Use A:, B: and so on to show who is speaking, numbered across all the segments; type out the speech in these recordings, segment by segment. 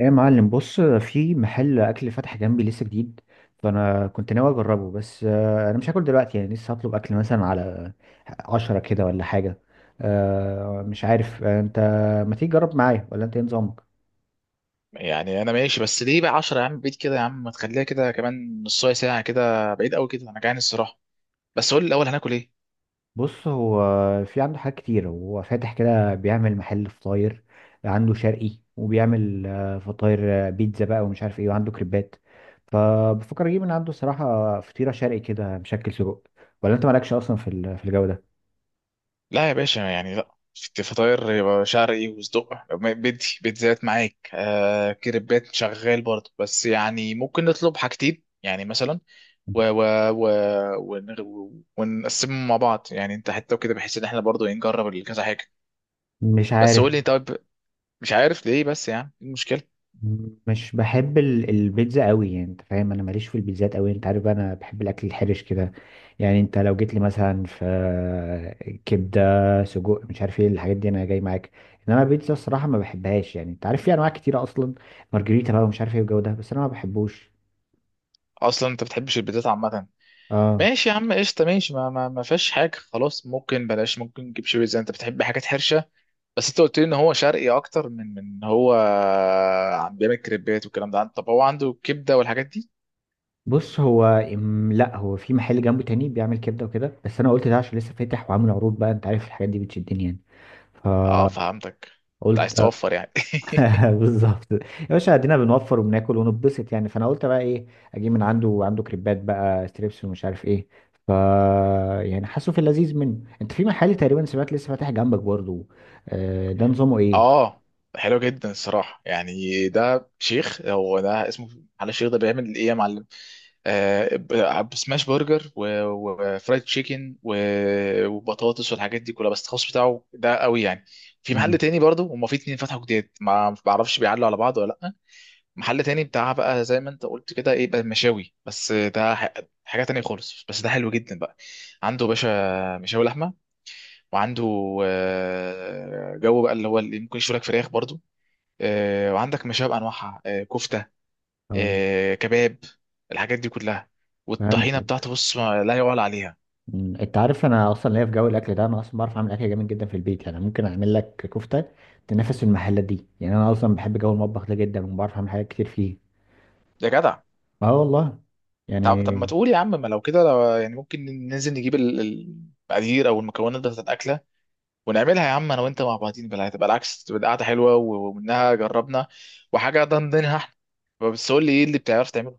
A: ايه يا معلم، بص، في محل اكل فتح جنبي لسه جديد. فانا كنت ناوي اجربه، بس انا مش هاكل دلوقتي، يعني لسه هطلب اكل مثلا على 10 كده ولا حاجه. مش عارف. انت ما تيجي تجرب معايا ولا انت ايه نظامك؟
B: يعني انا ماشي، بس ليه بقى 10 يا عم؟ بعيد كده يا عم، ما تخليها كده كمان نص ساعه، كده بعيد قوي كده، انا جعان الصراحه. بس قول لي الاول، هناكل ايه؟
A: بص، هو في عنده حاجات كتير، هو فاتح كده بيعمل محل فطاير، عنده شرقي، وبيعمل فطاير، بيتزا بقى ومش عارف ايه، وعنده كريبات. فبفكر اجيب من عنده صراحه فطيره شرقي كده مشكل سجق. ولا انت مالكش اصلا في الجو ده؟
B: لا يا باشا، يعني لا، في فطاير يبقى شرقي وصدق. بدي بيتزات معاك، كريبات شغال برضه، بس يعني ممكن نطلب حاجتين يعني مثلا و و و ونقسمهم مع بعض يعني، انت حتى وكده، بحيث ان احنا برضه نجرب كذا حاجه.
A: مش
B: بس
A: عارف.
B: قول لي طب. مش عارف ليه، بس يعني ايه المشكله؟
A: مش بحب البيتزا قوي، يعني انت فاهم، انا ماليش في البيتزات قوي، انت عارف بقى انا بحب الاكل الحرش كده. يعني انت لو جيت لي مثلا في كبده، سجق، مش عارف ايه الحاجات دي، انا جاي معاك. انما البيتزا الصراحه ما بحبهاش، يعني انت عارف في انواع كتيره اصلا، مارجريتا بقى ومش عارف ايه والجو ده، بس انا ما بحبوش.
B: اصلا انت بتحبش البيتزات عامه؟
A: اه.
B: ماشي يا عم قشطة، ماشي. ما فيهاش حاجة خلاص، ممكن بلاش، ممكن نجيب شوية زي انت بتحب حاجات حرشة. بس انت قلت لي ان هو شرقي اكتر من هو. عم بيعمل كريبات والكلام ده طب هو عنده كبدة والحاجات دي؟
A: بص هو لا، هو في محل جنبه تاني بيعمل كبده وكده، بس انا قلت ده عشان لسه فاتح وعامل عروض بقى، انت عارف الحاجات دي بتشدني يعني.
B: اه، فهمتك. انت عايز
A: فقلت
B: توفر يعني؟
A: بالظبط يا باشا، ادينا بنوفر وبناكل ونتبسط، يعني فانا قلت بقى ايه، اجيب من عنده. عنده كريبات بقى ستريبس ومش عارف ايه، ف يعني حاسه في اللذيذ منه. انت في محل تقريبا سمعت لسه فاتح جنبك برضه، ده نظامه ايه؟
B: اه، حلو جدا الصراحة، يعني ده شيخ هو ده اسمه؟ على، الشيخ ده بيعمل ايه يا معلم؟ بسماش برجر وفرايد تشيكن وبطاطس والحاجات دي كلها، بس الخاص بتاعه ده قوي يعني. في محل
A: مم.
B: تاني برضه، هما في اتنين فتحوا جداد، ما بعرفش بيعلوا على بعض ولا لا. محل تاني بتاع بقى زي ما انت قلت كده، ايه بقى؟ مشاوي. بس ده حاجة تانية خالص، بس ده حلو جدا بقى. عنده باشا مشاوي لحمة، وعنده جو بقى، اللي هو اللي ممكن يشوي لك فراخ برضه، وعندك مشاوي بأنواعها، كفتة،
A: آه.
B: كباب، الحاجات دي كلها، والطحينه
A: فهمتك.
B: بتاعته بص ما لا يعلى عليها.
A: مم. انت عارف انا اصلا ليا في جو الاكل ده، انا اصلا بعرف اعمل اكل جامد جدا في البيت، يعني ممكن اعمل لك كفته تنافس المحلات دي. يعني انا اصلا بحب جو المطبخ ده جدا وبعرف اعمل حاجات كتير فيه.
B: يا جدع.
A: اه والله.
B: طب ما
A: يعني
B: تقول يا عم، ما لو كده، لو يعني ممكن ننزل نجيب المقادير او المكونات بتاعت الاكله. ونعملها يا عم انا وانت مع بعضين، بلا هتبقى العكس، تبقى قاعده حلوه ومنها جربنا. وحاجه ضمنها احنا. بس قول لي، ايه اللي بتعرف تعمله؟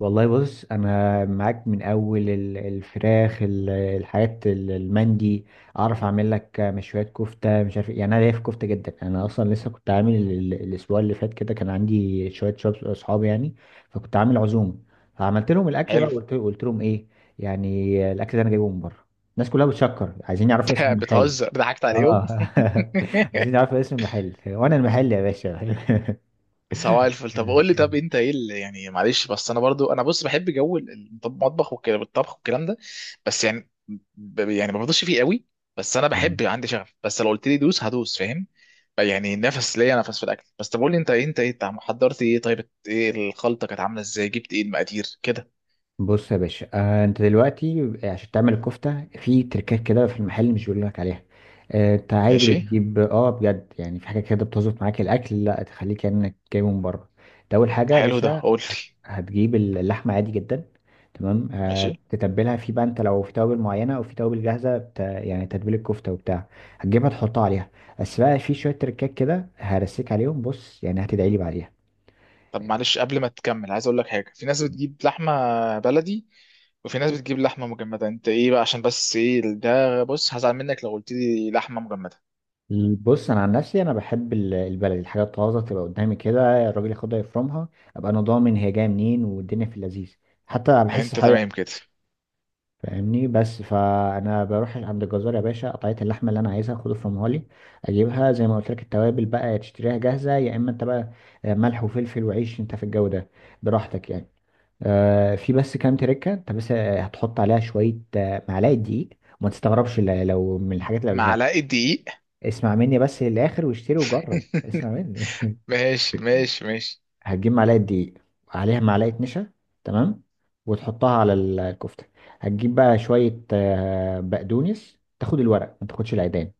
A: والله، بص انا معاك من اول الفراخ، الحاجات، المندي. اعرف اعمل لك مشويات، كفته، مش عارف إيه. يعني انا ليا في كفته جدا، يعني انا اصلا لسه كنت عامل الاسبوع اللي فات كده كان عندي شويه اصحابي يعني، فكنت عامل عزومه. فعملت لهم الاكل بقى
B: حلو.
A: وقلت لهم ايه يعني الاكل ده انا جايبه من بره. الناس كلها بتشكر، عايزين يعرفوا اسم المحل.
B: بتهزر، ضحكت عليهم.
A: اه. عايزين يعرفوا اسم المحل وانا المحل يا باشا.
B: سواء الفل. طب قول لي
A: مم.
B: انت ايه اللي يعني معلش، بس انا برضو بص بحب جو المطبخ والكلام الطبخ والكلام ده. بس يعني يعني ما بفضلش فيه قوي. بس انا
A: مم.
B: بحب، عندي شغف، بس لو قلت لي دوس هدوس، فاهم؟ يعني نفس، ليا نفس في الاكل، بس طب قول لي، انت حضرت ايه؟ طيب ايه الخلطه؟ كانت عامله ازاي؟ جبت ايه المقادير كده؟
A: بص يا باشا، انت دلوقتي عشان تعمل الكفته في تركات كده في المحل مش بيقول لك عليها. آه، انت عادي
B: ماشي.
A: بتجيب، اه بجد، يعني في حاجه كده بتظبط معاك الاكل لا تخليك كانك جايبه من بره. انت اول حاجه يا
B: حلو ده،
A: باشا
B: قول لي.
A: هتجيب اللحمه عادي جدا، تمام، آه
B: ماشي.
A: تتبلها، في بقى انت لو في توابل معينه او في توابل جاهزه يعني تتبيل الكفته وبتاع، هتجيبها تحطها عليها. بس بقى في شويه تركات كده هرسيك عليهم بص، يعني هتدعي لي بعديها.
B: طب معلش قبل ما تكمل، عايز اقول لك حاجه، في ناس بتجيب لحمه بلدي، وفي ناس بتجيب لحمه مجمده، انت ايه بقى؟ عشان بس ايه ده، بص هزعل منك لو قلت لي لحمه مجمده.
A: بص انا عن نفسي انا بحب البلد، الحاجات طازه تبقى قدامي كده، الراجل ياخدها يفرمها، ابقى انا ضامن هي جايه منين والدنيا في اللذيذ. حتى بحس
B: انت
A: حقيقة.
B: تمام كده.
A: فاهمني؟ بس فانا بروح عند الجزار يا باشا، قطعيه اللحمه اللي انا عايزها، خد افرمها لي، اجيبها زي ما قلت لك. التوابل بقى يا تشتريها جاهزه، يا اما انت بقى ملح وفلفل وعيش، انت في الجو ده براحتك يعني. آه، في بس كام تركه انت بس هتحط عليها شويه معلقه دقيق، وما تستغربش لو من الحاجات اللي قبلها.
B: معلقه دقيق؟
A: اسمع مني بس للاخر واشتري وجرب، اسمع مني.
B: ماشي، ماشي، ماشي.
A: هتجيب معلقه دقيق، عليها معلقه نشا، تمام، وتحطها على الكفته. هتجيب بقى شويه بقدونس، تاخد الورق ما تاخدش العيدان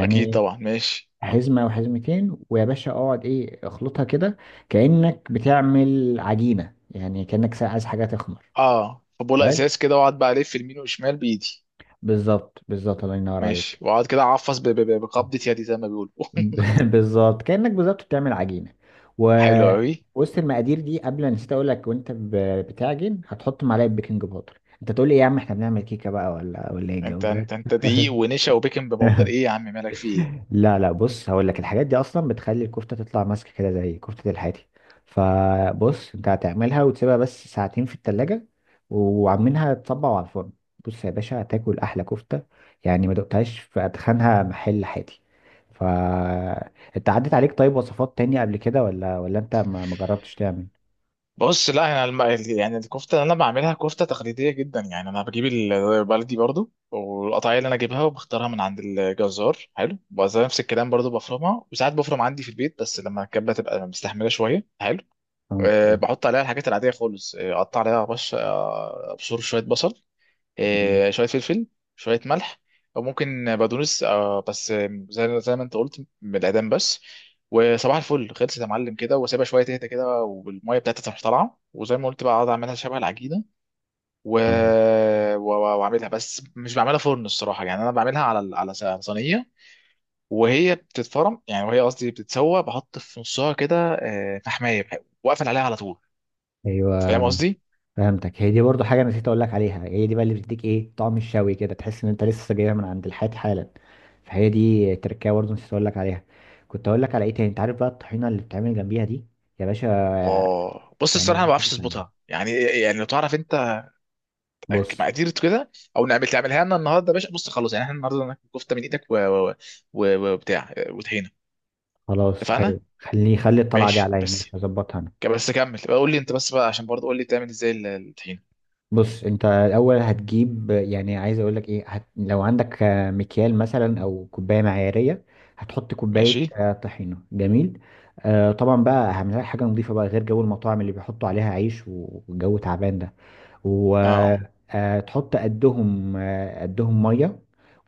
B: اكيد طبعا، ماشي.
A: حزمه وحزمتين، ويا باشا اقعد ايه اخلطها كده، كانك بتعمل عجينه، يعني كانك عايز حاجه تخمر.
B: اه، فبوله
A: حلو.
B: ازاز كده، واقعد بقى الف يمين وشمال بايدي.
A: بالظبط، بالظبط، الله ينور
B: ماشي،
A: عليك.
B: واقعد كده اعفص بقبضه يدي زي ما بيقولوا.
A: بالظبط، كأنك بالظبط بتعمل عجينة. و
B: حلو
A: مم.
B: قوي.
A: وسط المقادير دي، قبل أنا نسيت اقول لك، وانت بتعجن هتحط معلقة بيكنج باودر. انت تقول لي إيه يا عم احنا بنعمل كيكة بقى ولا ايه الجو
B: انت
A: ده؟
B: انت انت دقيق ونشا وبيكنج باودر؟ ايه يا عم مالك في ايه؟
A: لا لا، بص هقول لك، الحاجات دي اصلا بتخلي الكفته تطلع ماسكه كده زي كفته الحاتي. فبص، انت هتعملها وتسيبها بس ساعتين في التلاجة، وعاملينها تصبع على الفرن. بص يا باشا هتاكل احلى كفته، يعني ما دقتهاش في اتخنها محل حاتي. ف انت عدت عليك طيب وصفات تانية قبل كده ولا انت ما جربتش تعمل؟
B: بص لا، يعني يعني الكفته اللي انا بعملها كفته تقليديه جدا، يعني انا بجيب بلدي برضو، والقطعيه اللي انا جايبها وبختارها من عند الجزار حلو، وزي نفس الكلام برضو، بفرمها، وساعات بفرم عندي في البيت، بس لما كانت بتبقى مستحمله شويه حلو.
A: آه،
B: أه،
A: آه،
B: بحط عليها الحاجات العاديه خالص، اقطع عليها بش آه، ابشر شويه بصل. شويه فلفل. شويه ملح. او ممكن بقدونس، بس زي ما انت قلت بالاعدام بس. وصباح الفل، خلصت يا معلم كده، وسيبها شويه تهدى كده، والميه بتاعتها تروح طالعه، وزي ما قلت بقى اقعد اعملها شبه العجينه. و...
A: آه.
B: و... واعملها، بس مش بعملها فرن الصراحه، يعني انا بعملها على على صينيه. وهي بتتفرم، يعني وهي، قصدي بتتسوى، بحط في نصها كده فحمايه. واقفل عليها على طول.
A: ايوه
B: فاهم قصدي؟
A: فهمتك، هي دي برضو حاجه انا نسيت اقول لك عليها، هي دي بقى اللي بتديك ايه طعم الشوي كده، تحس ان انت لسه جايبها من عند الحيط حالا. فهي دي تركية برضو نسيت اقول لك عليها. كنت اقول لك على ايه تاني؟ انت عارف بقى الطحينه اللي بتعمل جنبيها دي يا باشا.
B: بص
A: يعني
B: الصراحه، أنا
A: دي
B: ما
A: حاجه
B: بعرفش
A: تانيه.
B: اظبطها، يعني لو تعرف انت.
A: بص،
B: مقادير كده. او تعملها لنا النهارده يا باشا، بص خلاص، يعني احنا النهارده ناكل كفته من ايدك وبتاع وطحينه.
A: خلاص،
B: اتفقنا.
A: خلي الطلعه دي
B: ماشي
A: عليا،
B: بس.
A: ماشي، هظبطها أنا.
B: بس كمل بقى، قول لي انت بس بقى عشان برضه، قول لي تعمل ازاي الطحينه.
A: بص، انت الاول هتجيب، يعني عايز اقول لك ايه، لو عندك مكيال مثلا او كوبايه معياريه، هتحط كوبايه
B: ماشي.
A: طحينه، جميل. آه طبعا بقى، اهم حاجه حاجه نضيفه بقى، غير جو المطاعم اللي بيحطوا عليها عيش والجو تعبان ده.
B: اه.
A: وتحط قدهم قدهم ميه،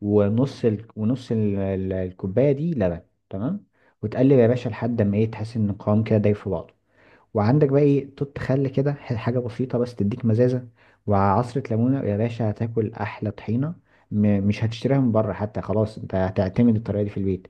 A: الكوبايه دي لبن. تمام، وتقلب يا باشا لحد ما ايه تحس ان القوام كده دايب في بعضه. وعندك بقى ايه توت، خل كده، حاجه بسيطه بس تديك مزازه، وعصره ليمونه، يا باشا هتاكل احلى طحينه. مش هتشتريها من بره حتى، خلاص انت هتعتمد الطريقه دي في البيت.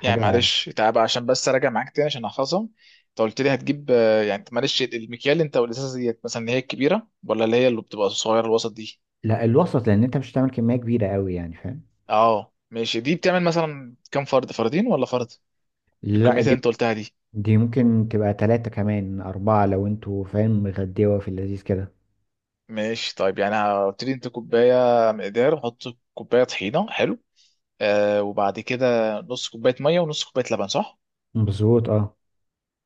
B: يعني معلش تعب، عشان بس اراجع معاك تاني عشان احفظهم. انت قلت لي هتجيب يعني معلش المكيال، انت والازازه ديت مثلا اللي هي الكبيره، ولا اللي بتبقى صغيره الوسط دي؟
A: لا، الوسط، لان انت مش هتعمل كميه كبيره قوي يعني فاهم.
B: اه ماشي، دي بتعمل مثلا كام؟ فرد، فردين ولا فرد؟
A: لا
B: الكميات اللي
A: دي،
B: انت قلتها دي.
A: دي ممكن تبقى ثلاثة كمان أربعة، لو انتوا فاهم مغديوة في اللذيذ كده.
B: ماشي طيب، يعني هبتدي انت كوبايه. مقدار وحط. كوبايه طحينه، حلو. وبعد كده. نص كوبايه ميه ونص كوبايه لبن، صح؟
A: مظبوط اه.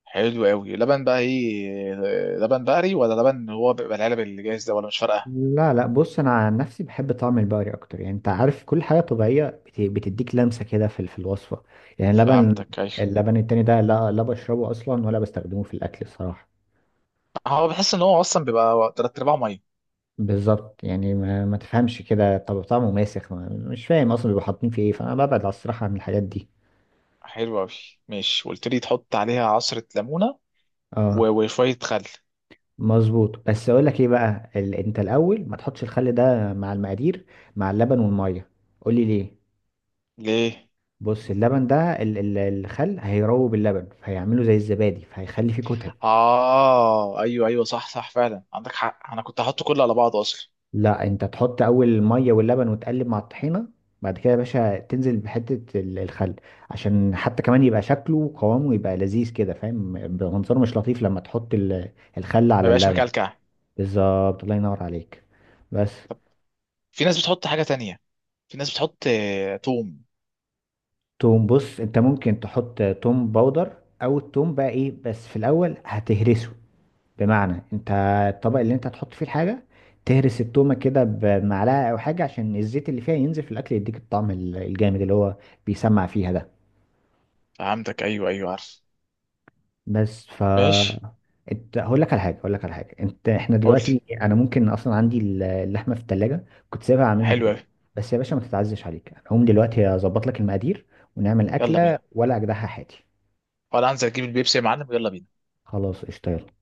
B: حلو قوي. لبن بقى ايه؟ لبن بقري ولا لبن هو بيبقى العلب اللي جاهز ده؟ ولا مش فارقه؟
A: لا لا، بص انا عن نفسي بحب طعم البقري اكتر، يعني انت عارف كل حاجه طبيعيه بتديك لمسه كده في الوصفه. يعني اللبن،
B: فهمتك، ايوه.
A: اللبن التاني ده لا لا بشربه اصلا ولا بستخدمه في الاكل الصراحه.
B: هو بحس ان هو اصلا بيبقى تلات ارباعه ميه.
A: بالظبط، يعني ما تفهمش كده، طب طعمه ماسخ، ما مش فاهم اصلا بيبقوا حاطين فيه ايه، فانا ببعد على الصراحه عن الحاجات دي.
B: حلو قوي. ماشي، وقلت لي تحط عليها عصره ليمونه. و-
A: اه.
B: وشويه خل.
A: مظبوط، بس اقول لك ايه بقى انت الاول ما تحطش الخل ده مع المقادير، مع اللبن والميه. قول لي ليه.
B: ليه؟
A: بص اللبن ده، الخل هيروب اللبن، فهيعمله زي الزبادي، فهيخلي فيه كتل.
B: اه، ايوه، ايوه، صح، صح، فعلا عندك حق، انا كنت هحط كله على بعضه اصلا.
A: لا، انت تحط اول الميه واللبن وتقلب مع الطحينه، بعد كده يا باشا تنزل بحته الخل، عشان حتى كمان يبقى شكله وقوامه يبقى لذيذ كده فاهم، بيبقى منظره مش لطيف لما تحط الخل
B: ما
A: على
B: بقاش
A: اللبن.
B: مكلكع؟
A: بالظبط، الله ينور عليك. بس.
B: في ناس بتحط حاجة تانية. في ناس بتحط توم.
A: توم، بص انت ممكن تحط توم باودر، او التوم بقى ايه، بس في الاول هتهرسه، بمعنى انت الطبق اللي انت هتحط فيه الحاجه تهرس التومه كده بمعلقه او حاجه، عشان الزيت اللي فيها ينزل في الاكل، يديك الطعم الجامد اللي هو بيسمع فيها ده.
B: فهمتك، ايوه، ايوه، عارف.
A: بس
B: ماشي.
A: انت، هقول لك على حاجه، هقول لك على حاجه انت، احنا
B: قلت.
A: دلوقتي انا ممكن اصلا عندي اللحمه في التلاجة كنت سايبها اعملها
B: حلو
A: بكره.
B: اوي.
A: بس يا باشا ما تتعزش عليك، انا هقوم دلوقتي اظبط لك المقادير ونعمل
B: يلا
A: اكله،
B: بينا.
A: ولا اجدعها حياتي.
B: ولا انزل اجيب البيبسي يا معلم؟ يلا بينا.
A: خلاص قشطه، يلا.